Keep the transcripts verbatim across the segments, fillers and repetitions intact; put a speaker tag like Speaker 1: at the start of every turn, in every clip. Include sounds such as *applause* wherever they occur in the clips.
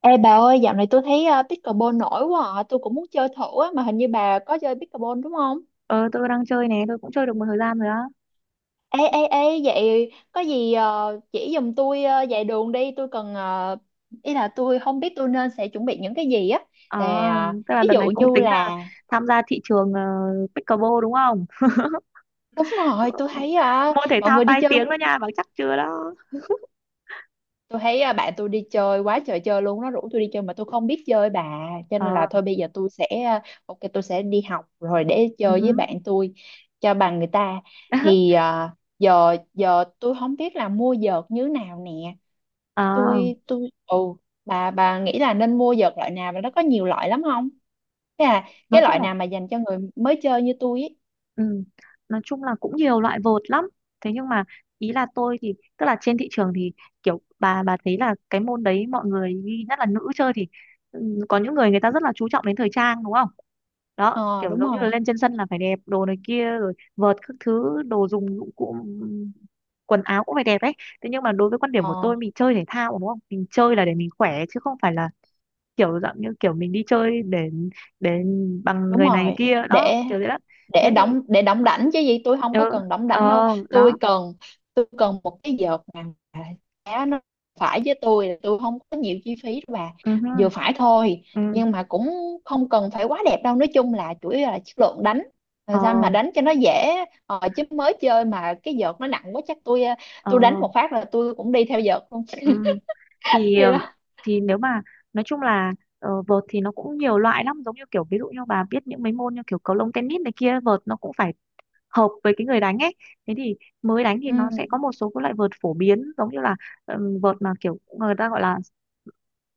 Speaker 1: Ê bà ơi, dạo này tôi thấy ờ, pickleball nổi quá à. Tôi cũng muốn chơi thử á, mà hình như bà có chơi pickleball đúng không?
Speaker 2: Ờ, tôi đang chơi này, tôi cũng chơi được một thời gian rồi á.
Speaker 1: Ê, ê, ê, vậy có gì ờ, chỉ giùm tôi ờ, vài đường đi. Tôi cần, ờ, ý là tôi không biết tôi nên sẽ chuẩn bị những cái gì á.
Speaker 2: À,
Speaker 1: Ờ,
Speaker 2: tức là
Speaker 1: ví
Speaker 2: đợt
Speaker 1: dụ
Speaker 2: này cũng
Speaker 1: như
Speaker 2: tính là
Speaker 1: là,
Speaker 2: tham gia thị trường ờ, pickleball đúng không?
Speaker 1: đúng rồi, tôi
Speaker 2: *laughs*
Speaker 1: thấy ờ,
Speaker 2: Môn thể
Speaker 1: mọi
Speaker 2: thao
Speaker 1: người đi
Speaker 2: tai
Speaker 1: chơi,
Speaker 2: tiếng đó nha, bảo chắc chưa đó.
Speaker 1: tôi thấy à, bạn tôi đi chơi quá trời chơi luôn, nó rủ tôi đi chơi mà tôi không biết chơi bà, cho nên là
Speaker 2: Ờ,
Speaker 1: thôi bây giờ tôi sẽ à, ok, tôi sẽ đi học rồi để
Speaker 2: ừ.
Speaker 1: chơi với
Speaker 2: *laughs*
Speaker 1: bạn tôi cho bằng người ta.
Speaker 2: Hứ.
Speaker 1: Thì à, giờ giờ tôi không biết là mua vợt như nào nè.
Speaker 2: Ờ,
Speaker 1: Tôi tôi ừ bà bà nghĩ là nên mua vợt loại nào và nó có nhiều loại lắm không, thế là
Speaker 2: nói
Speaker 1: cái
Speaker 2: chung
Speaker 1: loại
Speaker 2: là,
Speaker 1: nào mà dành cho người mới chơi như tôi ấy?
Speaker 2: ừ, nói chung là cũng nhiều loại vợt lắm. Thế nhưng mà, ý là tôi thì tức là trên thị trường thì kiểu bà bà thấy là cái môn đấy mọi người, nhất là nữ chơi, thì ừ, có những người người ta rất là chú trọng đến thời trang đúng không? Đó,
Speaker 1: Ờ
Speaker 2: kiểu
Speaker 1: đúng
Speaker 2: giống như
Speaker 1: rồi.
Speaker 2: là lên trên sân là phải đẹp, đồ này kia, rồi vợt, các thứ đồ dùng dụng cụ, ừm, quần áo cũng phải đẹp ấy. Thế nhưng mà đối với quan điểm của
Speaker 1: Ờ
Speaker 2: tôi, mình chơi thể thao đúng không, mình chơi là để mình khỏe chứ không phải là kiểu dạng như kiểu mình đi chơi để để bằng
Speaker 1: đúng
Speaker 2: người này
Speaker 1: rồi,
Speaker 2: kia đó,
Speaker 1: để
Speaker 2: kiểu thế đó.
Speaker 1: để
Speaker 2: Thế thì,
Speaker 1: đóng, để đóng đảnh chứ gì, tôi không
Speaker 2: ừ,
Speaker 1: có cần đóng đảnh đâu.
Speaker 2: ờ,
Speaker 1: Tôi
Speaker 2: đó.
Speaker 1: cần, tôi cần một cái vợt mà giá nó phải với tôi, là tôi không có nhiều chi phí đâu bà,
Speaker 2: Ừ, hư,
Speaker 1: vừa phải thôi,
Speaker 2: ừ,
Speaker 1: nhưng mà cũng không cần phải quá đẹp đâu. Nói chung là chủ yếu là chất lượng đánh,
Speaker 2: ờ,
Speaker 1: làm sao mà đánh cho nó dễ. Ờ, chứ mới chơi mà cái vợt nó nặng quá, chắc tôi ờ,
Speaker 2: ờ,
Speaker 1: tôi đánh một phát là tôi cũng đi theo vợt luôn.
Speaker 2: ừ.
Speaker 1: *laughs*
Speaker 2: thì
Speaker 1: Đi
Speaker 2: ờ,
Speaker 1: đó.
Speaker 2: thì nếu mà nói chung là, ờ, vợt thì nó cũng nhiều loại lắm, giống như kiểu ví dụ như bà biết những mấy môn như kiểu cầu lông, tennis này kia, vợt nó cũng phải hợp với cái người đánh ấy. Thế thì mới đánh thì
Speaker 1: Ừ.
Speaker 2: nó sẽ có một số các loại vợt phổ biến, giống như là ừm, vợt mà kiểu người ta gọi là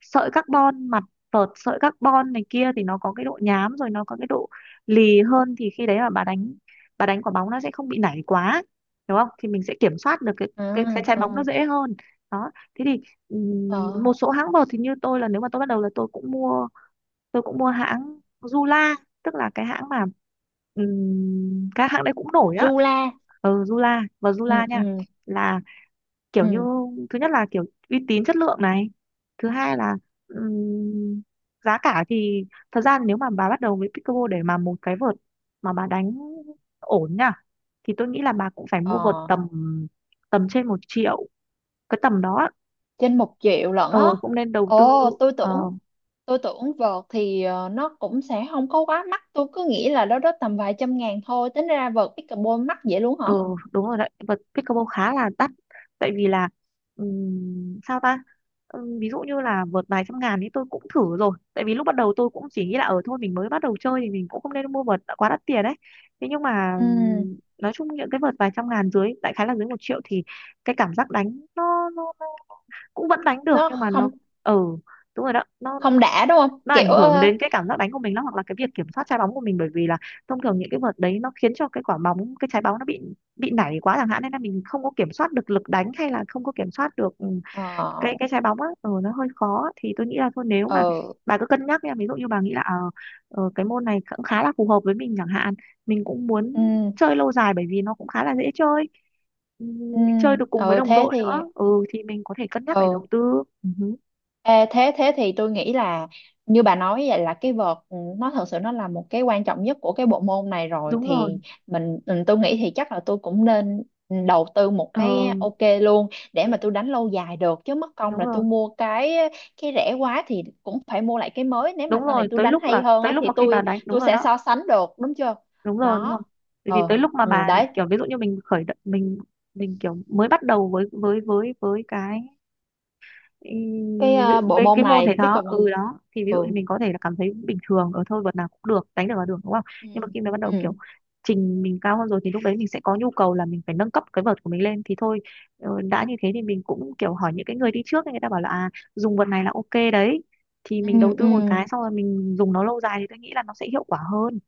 Speaker 2: sợi carbon, mặt vợt sợi carbon này kia, thì nó có cái độ nhám, rồi nó có cái độ lì hơn, thì khi đấy mà bà đánh bà đánh quả bóng nó sẽ không bị nảy quá đúng không, thì mình sẽ kiểm soát được cái
Speaker 1: Ừ.
Speaker 2: cái cái trái bóng nó
Speaker 1: Ừ.
Speaker 2: dễ hơn. Đó, thế thì ừm,
Speaker 1: Ờ.
Speaker 2: một số hãng vợt thì như tôi là nếu mà tôi bắt đầu là tôi cũng mua tôi cũng mua hãng Zula, tức là cái hãng mà, ừm, các hãng đấy cũng nổi á.
Speaker 1: Zula.
Speaker 2: Ừ, Zula, và
Speaker 1: Ừ.
Speaker 2: Zula nha,
Speaker 1: Ừ.
Speaker 2: là kiểu như,
Speaker 1: Ừ.
Speaker 2: thứ nhất là kiểu uy tín chất lượng này, thứ hai là ừm, giá cả thì, thật ra nếu mà bà bắt đầu với pickleball, để mà một cái vợt mà bà đánh ổn nha, thì tôi nghĩ là bà cũng phải mua vợt
Speaker 1: Ờ.
Speaker 2: tầm, tầm trên một triệu, cái tầm đó.
Speaker 1: Trên một triệu lận
Speaker 2: Ờ,
Speaker 1: á?
Speaker 2: cũng nên đầu tư.
Speaker 1: Ồ tôi
Speaker 2: Ờ,
Speaker 1: tưởng, tôi tưởng vợt thì ờ, nó cũng sẽ không có quá mắc. Tôi cứ nghĩ là đó đó tầm vài trăm ngàn thôi. Tính ra vợt pickleball mắc vậy luôn hả?
Speaker 2: ừ, đúng rồi đấy, vật pickleball khá là đắt, tại vì là, ừm, sao ta. Ừm, ví dụ như là vợt vài trăm ngàn thì tôi cũng thử rồi, tại vì lúc bắt đầu tôi cũng chỉ nghĩ là ở thôi mình mới bắt đầu chơi thì mình cũng không nên mua vợt đã quá đắt tiền đấy. Thế nhưng mà,
Speaker 1: Ừ.
Speaker 2: ừm, nói chung những cái vợt vài trăm ngàn dưới, đại khái là dưới một triệu, thì cái cảm giác đánh nó, nó, nó cũng vẫn đánh được
Speaker 1: Nó
Speaker 2: nhưng mà nó,
Speaker 1: không,
Speaker 2: ừ, đúng rồi đó, nó
Speaker 1: không đã đúng không,
Speaker 2: nó
Speaker 1: kiểu
Speaker 2: ảnh hưởng
Speaker 1: ờ.
Speaker 2: đến cái cảm giác đánh của mình lắm, hoặc là cái việc kiểm soát trái bóng của mình, bởi vì là thông thường những cái vợt đấy nó khiến cho cái quả bóng, cái trái bóng nó bị bị nảy quá chẳng hạn, nên là mình không có kiểm soát được lực đánh, hay là không có kiểm soát được, ừ,
Speaker 1: Ờ.
Speaker 2: cái cái trái bóng á, ừ, nó hơi khó á. Thì tôi nghĩ là thôi, nếu mà
Speaker 1: Ừ.
Speaker 2: bà cứ cân nhắc nha, ví dụ như bà nghĩ là, ờ, ờ, cái môn này cũng khá là phù hợp với mình chẳng hạn, mình cũng muốn
Speaker 1: Ừ.
Speaker 2: chơi lâu dài bởi vì nó cũng khá là dễ chơi, ừ,
Speaker 1: Ừ.
Speaker 2: mình chơi được cùng với
Speaker 1: Ừ,
Speaker 2: đồng
Speaker 1: thế
Speaker 2: đội
Speaker 1: thì.
Speaker 2: nữa, ừ, thì mình có thể cân nhắc để đầu
Speaker 1: Ừ.
Speaker 2: tư. Ừ,
Speaker 1: Ê, thế thế thì tôi nghĩ là như bà nói vậy là cái vợt ừ, nó thật sự nó là một cái quan trọng nhất của cái bộ môn này rồi.
Speaker 2: đúng rồi.
Speaker 1: Thì mình ừ, tôi nghĩ thì chắc là tôi cũng nên đầu tư một cái,
Speaker 2: Ờ,
Speaker 1: ok luôn, để
Speaker 2: ừ,
Speaker 1: mà tôi đánh lâu dài được, chứ mất công
Speaker 2: đúng
Speaker 1: là tôi
Speaker 2: rồi,
Speaker 1: mua cái cái rẻ quá thì cũng phải mua lại cái mới. Nếu mà
Speaker 2: đúng
Speaker 1: sau này
Speaker 2: rồi,
Speaker 1: tôi
Speaker 2: tới
Speaker 1: đánh
Speaker 2: lúc
Speaker 1: hay
Speaker 2: là
Speaker 1: hơn
Speaker 2: tới
Speaker 1: á
Speaker 2: lúc
Speaker 1: thì
Speaker 2: mà khi bà
Speaker 1: tôi
Speaker 2: đánh. Đúng
Speaker 1: tôi
Speaker 2: rồi
Speaker 1: sẽ
Speaker 2: đó,
Speaker 1: so sánh được đúng chưa.
Speaker 2: đúng rồi, đúng rồi,
Speaker 1: Đó.
Speaker 2: bởi vì
Speaker 1: Ờ.
Speaker 2: tới lúc mà
Speaker 1: Ừ,
Speaker 2: bà
Speaker 1: đấy,
Speaker 2: kiểu ví dụ như mình khởi động, mình mình kiểu mới bắt đầu với với với với cái ừ,
Speaker 1: cái ờ, bộ
Speaker 2: với
Speaker 1: môn
Speaker 2: cái môn thể
Speaker 1: này biết
Speaker 2: thao,
Speaker 1: không.
Speaker 2: ừ, đó, thì ví dụ
Speaker 1: Ừ.
Speaker 2: như mình có thể là cảm thấy bình thường, ở thôi luật nào cũng được, đánh được là được đúng không.
Speaker 1: Ừ.
Speaker 2: Nhưng mà khi mà bắt đầu kiểu
Speaker 1: Ừ.
Speaker 2: trình mình cao hơn rồi, thì lúc đấy mình sẽ có nhu cầu là mình phải nâng cấp cái vợt của mình lên, thì thôi, ờ, đã như thế thì mình cũng kiểu hỏi những cái người đi trước ấy, người ta bảo là à, dùng vợt này là ok đấy, thì
Speaker 1: Ừ.
Speaker 2: mình đầu
Speaker 1: Ừ.
Speaker 2: tư một cái, xong rồi mình dùng nó lâu dài, thì tôi nghĩ là nó sẽ hiệu quả hơn.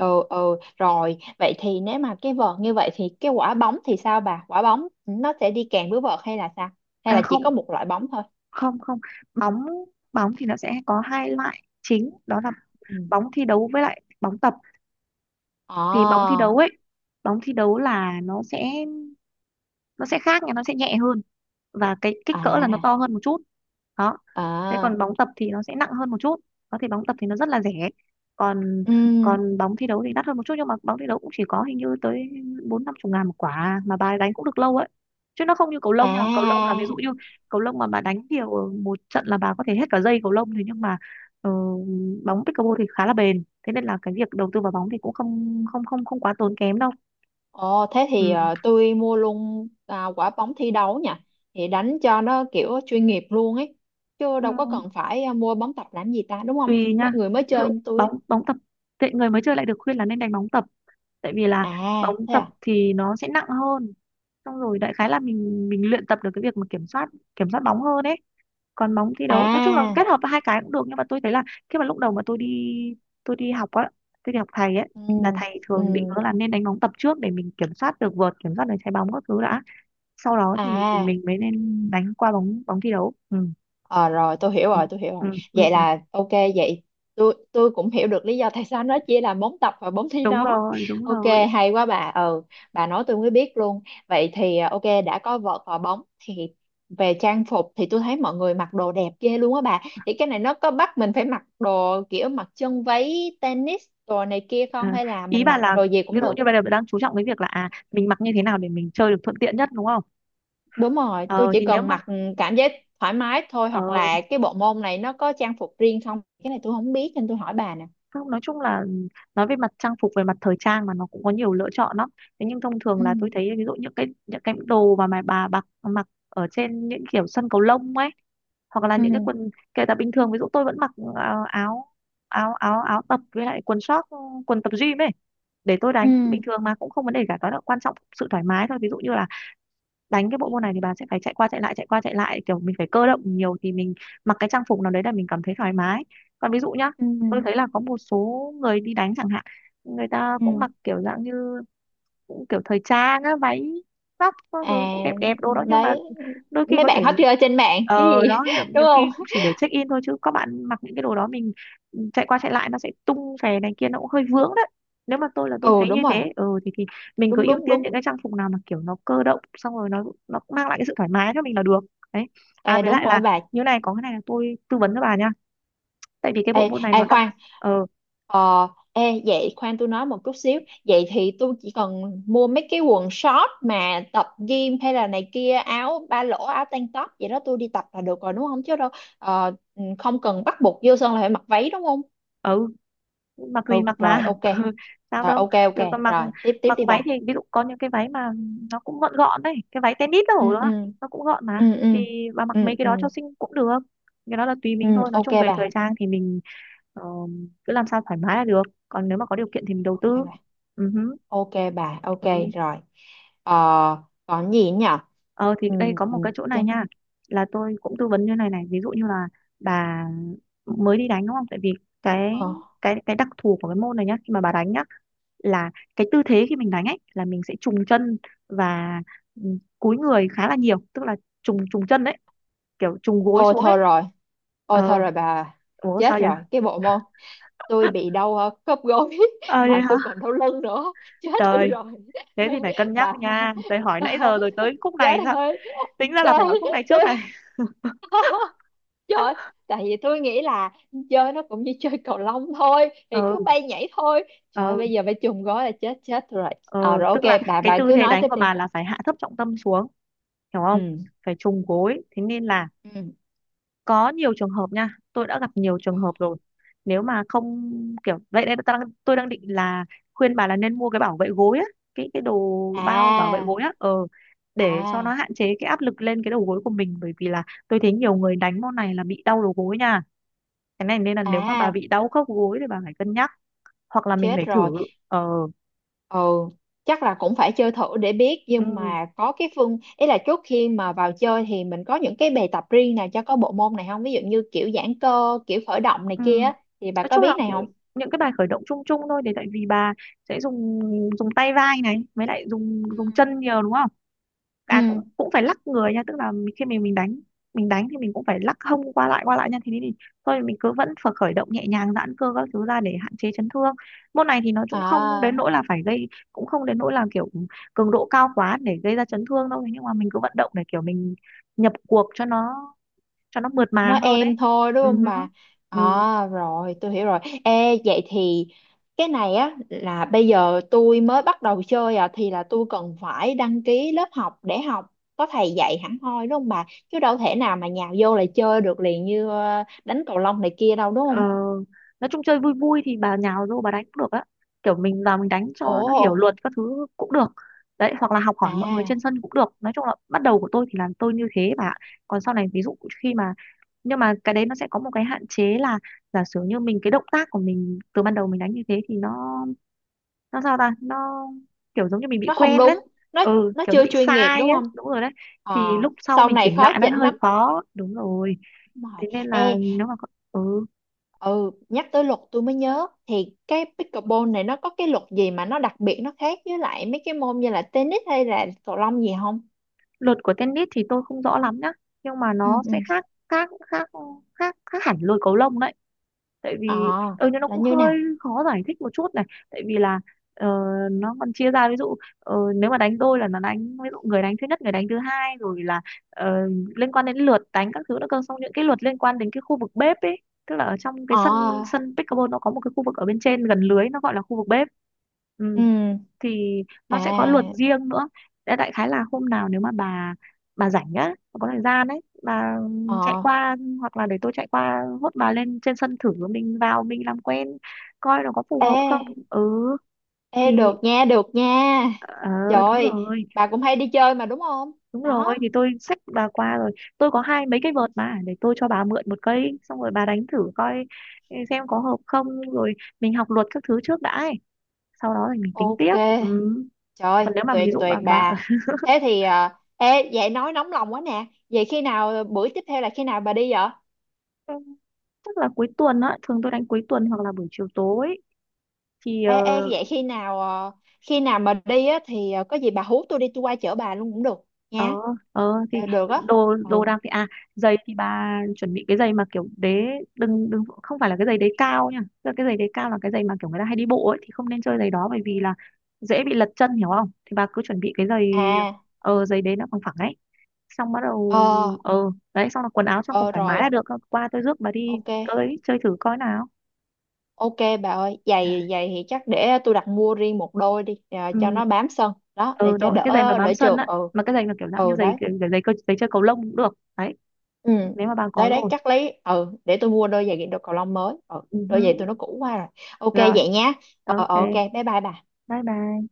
Speaker 1: Ừ. Ừ rồi, vậy thì nếu mà cái vợt như vậy thì cái quả bóng thì sao bà? Quả bóng nó sẽ đi kèm với vợt hay là sao, hay
Speaker 2: À
Speaker 1: là chỉ
Speaker 2: không,
Speaker 1: có một loại bóng thôi?
Speaker 2: không, không. Bóng bóng thì nó sẽ có hai loại chính, đó là
Speaker 1: Ừ.
Speaker 2: bóng thi đấu với lại bóng tập. Thì bóng thi
Speaker 1: Ồ.
Speaker 2: đấu ấy, bóng thi đấu là nó sẽ nó sẽ khác nha, nó sẽ nhẹ hơn và cái kích cỡ là nó
Speaker 1: À.
Speaker 2: to hơn một chút. Đó, thế
Speaker 1: À.
Speaker 2: còn bóng tập thì nó sẽ nặng hơn một chút. Có, thì bóng tập thì nó rất là rẻ, còn
Speaker 1: Ừm.
Speaker 2: còn bóng thi đấu thì đắt hơn một chút, nhưng mà bóng thi đấu cũng chỉ có hình như tới bốn năm chục ngàn một quả mà bà đánh cũng được lâu ấy, chứ nó không như cầu lông nha. Cầu lông là ví dụ
Speaker 1: À.
Speaker 2: như cầu lông mà bà đánh nhiều, một trận là bà có thể hết cả dây cầu lông. Thế nhưng mà ờ, bóng pickleball thì khá là bền, thế nên là cái việc đầu tư vào bóng thì cũng không không không không quá tốn kém đâu.
Speaker 1: Ồ, thế thì
Speaker 2: Ừ.
Speaker 1: ờ, tôi mua luôn à, quả bóng thi đấu nha, thì đánh cho nó kiểu chuyên nghiệp luôn ấy, chứ
Speaker 2: Ừ.
Speaker 1: đâu có cần phải ờ, mua bóng tập làm gì ta, đúng không?
Speaker 2: Tùy
Speaker 1: Mấy
Speaker 2: nha,
Speaker 1: người mới
Speaker 2: ví dụ
Speaker 1: chơi như tôi á.
Speaker 2: bóng bóng tập, tệ người mới chơi lại được khuyên là nên đánh bóng tập, tại vì là
Speaker 1: À,
Speaker 2: bóng
Speaker 1: thế
Speaker 2: tập
Speaker 1: à?
Speaker 2: thì nó sẽ nặng hơn, xong rồi đại khái là mình mình luyện tập được cái việc mà kiểm soát kiểm soát bóng hơn ấy. Còn bóng thi đấu, nói chung là
Speaker 1: À.
Speaker 2: kết hợp hai cái cũng được, nhưng mà tôi thấy là khi mà lúc đầu mà tôi đi tôi đi học á tôi đi học thầy ấy, là
Speaker 1: Ừm.
Speaker 2: thầy thường định
Speaker 1: Ừm.
Speaker 2: hướng là nên đánh bóng tập trước, để mình kiểm soát được vợt, kiểm soát được trái bóng các thứ đã, sau đó thì
Speaker 1: À.
Speaker 2: mình mới nên đánh qua bóng bóng thi đấu, ừ.
Speaker 1: Ờ rồi tôi hiểu
Speaker 2: Ừ.
Speaker 1: rồi, tôi hiểu rồi.
Speaker 2: Ừ. Ừ. Ừ.
Speaker 1: Vậy
Speaker 2: Ừ.
Speaker 1: là ok. Vậy tôi tôi cũng hiểu được lý do tại sao nó chia làm bốn tập và bốn thi
Speaker 2: Đúng
Speaker 1: đấu.
Speaker 2: rồi, đúng
Speaker 1: Ok,
Speaker 2: rồi.
Speaker 1: hay quá bà. Ừ, bà nói tôi mới biết luôn. Vậy thì ờ, ok, đã có vợt và bóng thì về trang phục, thì tôi thấy mọi người mặc đồ đẹp ghê luôn á bà. Thì cái này nó có bắt mình phải mặc đồ kiểu mặc chân váy tennis đồ này kia không,
Speaker 2: À,
Speaker 1: hay là
Speaker 2: ý
Speaker 1: mình
Speaker 2: bà
Speaker 1: mặc
Speaker 2: là
Speaker 1: đồ gì
Speaker 2: ví
Speaker 1: cũng
Speaker 2: dụ
Speaker 1: được?
Speaker 2: như bây giờ bạn đang chú trọng cái việc là à, mình mặc như thế nào để mình chơi được thuận tiện nhất đúng không?
Speaker 1: Đúng rồi, tôi
Speaker 2: Ờ
Speaker 1: chỉ
Speaker 2: thì nếu
Speaker 1: cần
Speaker 2: mà,
Speaker 1: mặc ừ, cảm giác thoải mái thôi,
Speaker 2: ờ,
Speaker 1: hoặc là cái bộ môn này nó có trang phục riêng không, cái này tôi không biết nên tôi hỏi bà nè.
Speaker 2: không, nói chung là nói về mặt trang phục, về mặt thời trang mà, nó cũng có nhiều lựa chọn lắm. Thế nhưng thông thường
Speaker 1: Ừ.
Speaker 2: là tôi thấy ví dụ những cái những cái đồ mà mà bà mặc mặc ở trên những kiểu sân cầu lông ấy, hoặc là những cái
Speaker 1: Ừ.
Speaker 2: quần, kể cả bình thường ví dụ tôi vẫn mặc, ờ, áo áo áo áo tập với lại quần short, quần tập gym ấy, để tôi
Speaker 1: Ừ.
Speaker 2: đánh bình thường mà cũng không vấn đề cả. Đó là quan trọng sự thoải mái thôi, ví dụ như là đánh cái bộ môn này thì bà sẽ phải chạy qua chạy lại, chạy qua chạy lại, kiểu mình phải cơ động nhiều, thì mình mặc cái trang phục nào đấy là mình cảm thấy thoải mái. Còn ví dụ nhá,
Speaker 1: Ừ.
Speaker 2: tôi thấy là có một số người đi đánh chẳng hạn, người ta
Speaker 1: Ừ.
Speaker 2: cũng mặc kiểu dạng như, cũng kiểu thời trang á, váy, tóc các thứ
Speaker 1: À,
Speaker 2: cũng đẹp đẹp đồ đó, nhưng
Speaker 1: đấy,
Speaker 2: mà đôi khi
Speaker 1: mấy
Speaker 2: có
Speaker 1: bạn
Speaker 2: thể,
Speaker 1: hot girl trên mạng cái
Speaker 2: ờ, đó,
Speaker 1: gì
Speaker 2: nhiều,
Speaker 1: *laughs* đúng
Speaker 2: nhiều
Speaker 1: không.
Speaker 2: khi chỉ để check in thôi, chứ các bạn mặc những cái đồ đó, mình ừ, chạy qua chạy lại nó sẽ tung xè này kia, nó cũng hơi vướng đấy. Nếu mà tôi, là tôi
Speaker 1: Ừ
Speaker 2: thấy như
Speaker 1: đúng rồi.
Speaker 2: thế, ừ thì thì mình cứ
Speaker 1: Đúng,
Speaker 2: ưu
Speaker 1: đúng,
Speaker 2: tiên
Speaker 1: đúng.
Speaker 2: những cái trang phục nào mà kiểu nó cơ động, xong rồi nó nó mang lại cái sự thoải mái cho mình là được. Đấy,
Speaker 1: Ê
Speaker 2: à với
Speaker 1: đúng
Speaker 2: lại là,
Speaker 1: rồi bà.
Speaker 2: như này, có cái này là tôi tư vấn cho bà nha, tại vì cái
Speaker 1: Ê,
Speaker 2: bộ môn này
Speaker 1: ê
Speaker 2: nó đặc.
Speaker 1: khoan.
Speaker 2: Ờ,
Speaker 1: Ờ. Ê vậy khoan tôi nói một chút xíu. Vậy thì tôi chỉ cần mua mấy cái quần short mà tập gym hay là này kia, áo ba lỗ, áo tank top vậy đó, tôi đi tập là được rồi đúng không? Chứ đâu, ờ, không cần bắt buộc vô sân là phải mặc váy đúng không?
Speaker 2: ừ, mặc gì
Speaker 1: Ừ
Speaker 2: mặc
Speaker 1: rồi
Speaker 2: mà.
Speaker 1: ok.
Speaker 2: *laughs* Ừ, sao
Speaker 1: Rồi
Speaker 2: đâu.
Speaker 1: ok, ok
Speaker 2: Rồi, còn mặc,
Speaker 1: rồi, tiếp tiếp
Speaker 2: mặc
Speaker 1: đi
Speaker 2: váy
Speaker 1: bà.
Speaker 2: thì ví dụ có những cái váy mà nó cũng gọn gọn đấy, cái váy tennis
Speaker 1: Ừ.
Speaker 2: đâu đó à,
Speaker 1: Ừ.
Speaker 2: nó cũng gọn mà,
Speaker 1: Ừ. Ừ.
Speaker 2: thì bà mặc mấy
Speaker 1: Ừ.
Speaker 2: cái
Speaker 1: Ừ.
Speaker 2: đó cho xinh cũng được. Cái đó là tùy
Speaker 1: Ừ.
Speaker 2: mình thôi, nói
Speaker 1: Ok
Speaker 2: chung về
Speaker 1: bà.
Speaker 2: thời trang thì mình, ờ, cứ làm sao thoải mái là được. Còn nếu mà có điều kiện thì mình đầu tư.
Speaker 1: Ok bà.
Speaker 2: Ừ, hứ,
Speaker 1: Ok bà. Ok
Speaker 2: ừ.
Speaker 1: rồi. Ờ, còn gì nhỉ.
Speaker 2: Ờ thì
Speaker 1: Ừ.
Speaker 2: đây có
Speaker 1: Ừ,
Speaker 2: một cái chỗ này
Speaker 1: chán.
Speaker 2: nha, là tôi cũng tư vấn như này này. Ví dụ như là bà mới đi đánh đúng không, tại vì cái
Speaker 1: Ờ.
Speaker 2: cái cái đặc thù của cái môn này nhá. Khi mà bà đánh nhá, là cái tư thế khi mình đánh ấy là mình sẽ trùng chân và ừ, cúi người khá là nhiều, tức là trùng trùng chân đấy, kiểu trùng gối
Speaker 1: Ô
Speaker 2: xuống ấy.
Speaker 1: thôi rồi, ô thôi
Speaker 2: Ờ,
Speaker 1: rồi bà.
Speaker 2: ủa
Speaker 1: Chết
Speaker 2: sao vậy?
Speaker 1: rồi cái bộ môn. Tôi bị đau ờ, khớp gối *laughs*
Speaker 2: Ờ vậy
Speaker 1: mà
Speaker 2: hả,
Speaker 1: tôi còn đau lưng nữa. Chết tôi
Speaker 2: trời.
Speaker 1: rồi.
Speaker 2: Thế thì
Speaker 1: *laughs*
Speaker 2: phải cân nhắc
Speaker 1: Bà.
Speaker 2: nha, tôi hỏi nãy
Speaker 1: *laughs*
Speaker 2: giờ rồi tới khúc này
Speaker 1: Chết
Speaker 2: sao.
Speaker 1: thôi.
Speaker 2: Tính ra là
Speaker 1: Trời,
Speaker 2: phải hỏi khúc này
Speaker 1: tôi.
Speaker 2: trước này.
Speaker 1: *laughs* Trời. Tại vì tôi nghĩ là chơi nó cũng như chơi cầu lông thôi, thì
Speaker 2: *laughs*
Speaker 1: cứ
Speaker 2: Ừ.
Speaker 1: bay nhảy thôi. Trời
Speaker 2: Ờ.
Speaker 1: bây giờ phải chùm gói là chết chết rồi. À,
Speaker 2: Ờ,
Speaker 1: rồi
Speaker 2: tức
Speaker 1: ok.
Speaker 2: là
Speaker 1: bà
Speaker 2: cái
Speaker 1: bà
Speaker 2: tư
Speaker 1: cứ
Speaker 2: thế
Speaker 1: nói
Speaker 2: đánh
Speaker 1: tiếp
Speaker 2: của
Speaker 1: đi.
Speaker 2: bà là phải hạ thấp trọng tâm xuống, hiểu không?
Speaker 1: Ừ.
Speaker 2: Phải trùng gối, thế nên là
Speaker 1: Ừ.
Speaker 2: có nhiều trường hợp nha, tôi đã gặp nhiều trường
Speaker 1: Ờ.
Speaker 2: hợp rồi. Nếu mà không kiểu vậy đây, tôi đang, tôi đang định là khuyên bà là nên mua cái bảo vệ gối á, cái cái đồ bao bảo vệ
Speaker 1: À.
Speaker 2: gối á. Ờ, để cho nó
Speaker 1: À.
Speaker 2: hạn chế cái áp lực lên cái đầu gối của mình, bởi vì là tôi thấy nhiều người đánh môn này là bị đau đầu gối nha. Cái này nên là nếu mà bà
Speaker 1: À.
Speaker 2: bị đau khớp gối thì bà phải cân nhắc, hoặc là mình
Speaker 1: Chết
Speaker 2: phải thử.
Speaker 1: rồi.
Speaker 2: Ờ.
Speaker 1: Ừ, chắc là cũng phải chơi thử để biết, nhưng
Speaker 2: Ừ.
Speaker 1: mà có cái phương, ý là trước khi mà vào chơi thì mình có những cái bài tập riêng nào cho có bộ môn này không, ví dụ như kiểu giãn cơ, kiểu khởi động này
Speaker 2: Ừ.
Speaker 1: kia á, thì bà
Speaker 2: Nói
Speaker 1: có
Speaker 2: chung là
Speaker 1: biết này không?
Speaker 2: những cái bài khởi động chung chung thôi, để tại vì bà sẽ dùng dùng tay vai này, với lại dùng
Speaker 1: Ừ.
Speaker 2: dùng chân nhiều đúng không? À, cũng
Speaker 1: Ừ.
Speaker 2: cũng phải lắc người nha, tức là khi mình mình đánh, mình đánh thì mình cũng phải lắc hông qua lại qua lại nha, thì thì thôi mình cứ vẫn phải khởi động nhẹ nhàng, giãn cơ các thứ ra để hạn chế chấn thương. Môn này thì nó cũng không đến
Speaker 1: À,
Speaker 2: nỗi là phải gây, cũng không đến nỗi là kiểu cường độ cao quá để gây ra chấn thương đâu. Thế nhưng mà mình cứ vận động để kiểu mình nhập cuộc cho nó, cho nó mượt mà
Speaker 1: nói
Speaker 2: hơn đấy.
Speaker 1: em thôi đúng
Speaker 2: Ừ,
Speaker 1: không
Speaker 2: hứ.
Speaker 1: bà?
Speaker 2: Ừ.
Speaker 1: À, rồi, tôi hiểu rồi. Ê, vậy thì cái này á là bây giờ tôi mới bắt đầu chơi à, thì là tôi cần phải đăng ký lớp học để học, có thầy dạy hẳn hoi đúng không bà? Chứ đâu thể nào mà nhào vô là chơi được liền như ờ, đánh cầu lông này kia đâu đúng
Speaker 2: Ờ,
Speaker 1: không?
Speaker 2: nói chung chơi vui vui thì bà nhào vô bà đánh cũng được á, kiểu mình vào mình đánh cho nó hiểu
Speaker 1: Ồ.
Speaker 2: luật các thứ cũng được đấy, hoặc là học hỏi mọi người trên
Speaker 1: À,
Speaker 2: sân cũng được. Nói chung là bắt đầu của tôi thì là tôi như thế mà. Còn sau này ví dụ khi mà, nhưng mà cái đấy nó sẽ có một cái hạn chế là giả sử như mình, cái động tác của mình từ ban đầu mình đánh như thế thì nó nó sao ta, nó kiểu giống như mình bị
Speaker 1: nó không
Speaker 2: quen đấy.
Speaker 1: đúng. Nó
Speaker 2: Ừ,
Speaker 1: nó
Speaker 2: kiểu nó
Speaker 1: chưa
Speaker 2: bị
Speaker 1: chuyên nghiệp
Speaker 2: sai
Speaker 1: đúng
Speaker 2: á,
Speaker 1: không?
Speaker 2: đúng rồi đấy. Thì
Speaker 1: Ờ,
Speaker 2: lúc sau
Speaker 1: sau
Speaker 2: mình
Speaker 1: này
Speaker 2: chỉnh
Speaker 1: khó
Speaker 2: lại nó
Speaker 1: chỉnh
Speaker 2: hơi
Speaker 1: lắm.
Speaker 2: khó, đúng rồi.
Speaker 1: Đúng rồi.
Speaker 2: Thế nên là
Speaker 1: Ê.
Speaker 2: nếu mà có- ừ.
Speaker 1: Ừ, nhắc tới luật tôi mới nhớ, thì cái pickleball này nó có cái luật gì mà nó đặc biệt, nó khác với lại mấy cái môn như là tennis hay là cầu lông gì không?
Speaker 2: Luật của tennis thì tôi không rõ lắm nhá, nhưng mà
Speaker 1: Ừ.
Speaker 2: nó
Speaker 1: Ừ.
Speaker 2: sẽ khác khác khác khác khác hẳn lôi cầu lông đấy. Tại
Speaker 1: Ờ,
Speaker 2: vì ừ, nhưng nó
Speaker 1: là
Speaker 2: cũng
Speaker 1: như
Speaker 2: hơi
Speaker 1: nào?
Speaker 2: khó giải thích một chút này, tại vì là ờ, nó còn chia ra. Ví dụ ờ, nếu mà đánh đôi là nó đánh, ví dụ người đánh thứ nhất, người đánh thứ hai, rồi là ờ, liên quan đến lượt đánh các thứ nữa cơ, xong những cái luật liên quan đến cái khu vực bếp ấy. Tức là ở trong cái sân,
Speaker 1: Ờ.
Speaker 2: sân pickleball nó có một cái khu vực ở bên trên gần lưới nó gọi là khu vực bếp. Ừ,
Speaker 1: Ừ.
Speaker 2: thì nó sẽ có luật
Speaker 1: À.
Speaker 2: riêng nữa. Thế đại khái là hôm nào nếu mà bà bà rảnh á, bà có thời gian ấy, bà chạy
Speaker 1: Ờ.
Speaker 2: qua, hoặc là để tôi chạy qua hốt bà lên trên sân thử, mình vào mình làm quen coi nó có phù hợp không.
Speaker 1: Ê,
Speaker 2: Ừ. Thì
Speaker 1: ê, được nha, được nha.
Speaker 2: ờ, đúng
Speaker 1: Trời,
Speaker 2: rồi,
Speaker 1: bà cũng hay đi chơi mà đúng không?
Speaker 2: đúng rồi,
Speaker 1: Đó.
Speaker 2: thì tôi xách bà qua rồi. Tôi có hai mấy cái vợt mà, để tôi cho bà mượn một cây, xong rồi bà đánh thử coi, ừ, xem có hợp không. Rồi mình học luật các thứ trước đã ấy, sau đó thì mình tính
Speaker 1: Ok.
Speaker 2: tiếp. Ừ.
Speaker 1: Trời,
Speaker 2: Còn nếu mà ví
Speaker 1: tuyệt
Speaker 2: dụ
Speaker 1: tuyệt
Speaker 2: bà bà
Speaker 1: bà. Thế thì, à, ê, vậy nói nóng lòng quá nè. Vậy khi nào, bữa tiếp theo là khi nào bà đi vậy?
Speaker 2: ừ, chắc là cuối tuần á, thường tôi đánh cuối tuần hoặc là buổi chiều tối. Thì ờ.
Speaker 1: Ê, ê, vậy khi nào ờ, khi nào mà đi á thì ờ, có gì bà hú tôi đi, tôi qua chở bà luôn cũng được nha.
Speaker 2: Ờ, ờ, thì
Speaker 1: Ờ, được á.
Speaker 2: đồ đồ
Speaker 1: Ừ.
Speaker 2: đạc thì à, giày thì bà chuẩn bị cái giày mà kiểu đế, đừng đừng không phải là cái giày đế cao nha. Tức là cái giày đế cao là cái giày mà kiểu người ta hay đi bộ ấy, thì không nên chơi giày đó, bởi vì là dễ bị lật chân, hiểu không? Thì bà cứ chuẩn bị cái giày,
Speaker 1: À.
Speaker 2: ờ, giày đế nó bằng phẳng ấy, xong bắt đầu.
Speaker 1: Ờ.
Speaker 2: Ờ, đấy, xong là quần áo trong cũng
Speaker 1: Ờ
Speaker 2: thoải mái
Speaker 1: rồi
Speaker 2: là được. Qua tôi rước bà đi
Speaker 1: ok.
Speaker 2: tới chơi thử coi nào.
Speaker 1: Ok, bà ơi, giày giày thì chắc để tôi đặt mua riêng một đôi đi, ờ, cho
Speaker 2: Ừ,
Speaker 1: nó bám sân đó, để
Speaker 2: ừ đúng
Speaker 1: cho
Speaker 2: rồi, cái giày mà
Speaker 1: đỡ
Speaker 2: bám
Speaker 1: đỡ
Speaker 2: sân
Speaker 1: trượt.
Speaker 2: á.
Speaker 1: Ừ.
Speaker 2: Mà cái giày là kiểu dạng như
Speaker 1: Ừ
Speaker 2: giày,
Speaker 1: đấy.
Speaker 2: giày giày, cơ- giày chơi cầu lông cũng được đấy,
Speaker 1: Ừ
Speaker 2: nếu mà bà có
Speaker 1: đấy, đấy
Speaker 2: rồi.
Speaker 1: chắc lấy, ừ để tôi mua đôi giày đôi cầu lông mới. Ừ
Speaker 2: Ừ
Speaker 1: đôi giày
Speaker 2: hứ.
Speaker 1: tôi nó cũ quá rồi. Ok
Speaker 2: Rồi,
Speaker 1: vậy nhá. Ờ
Speaker 2: ok,
Speaker 1: ờ, ok bye bye bà.
Speaker 2: bye bye.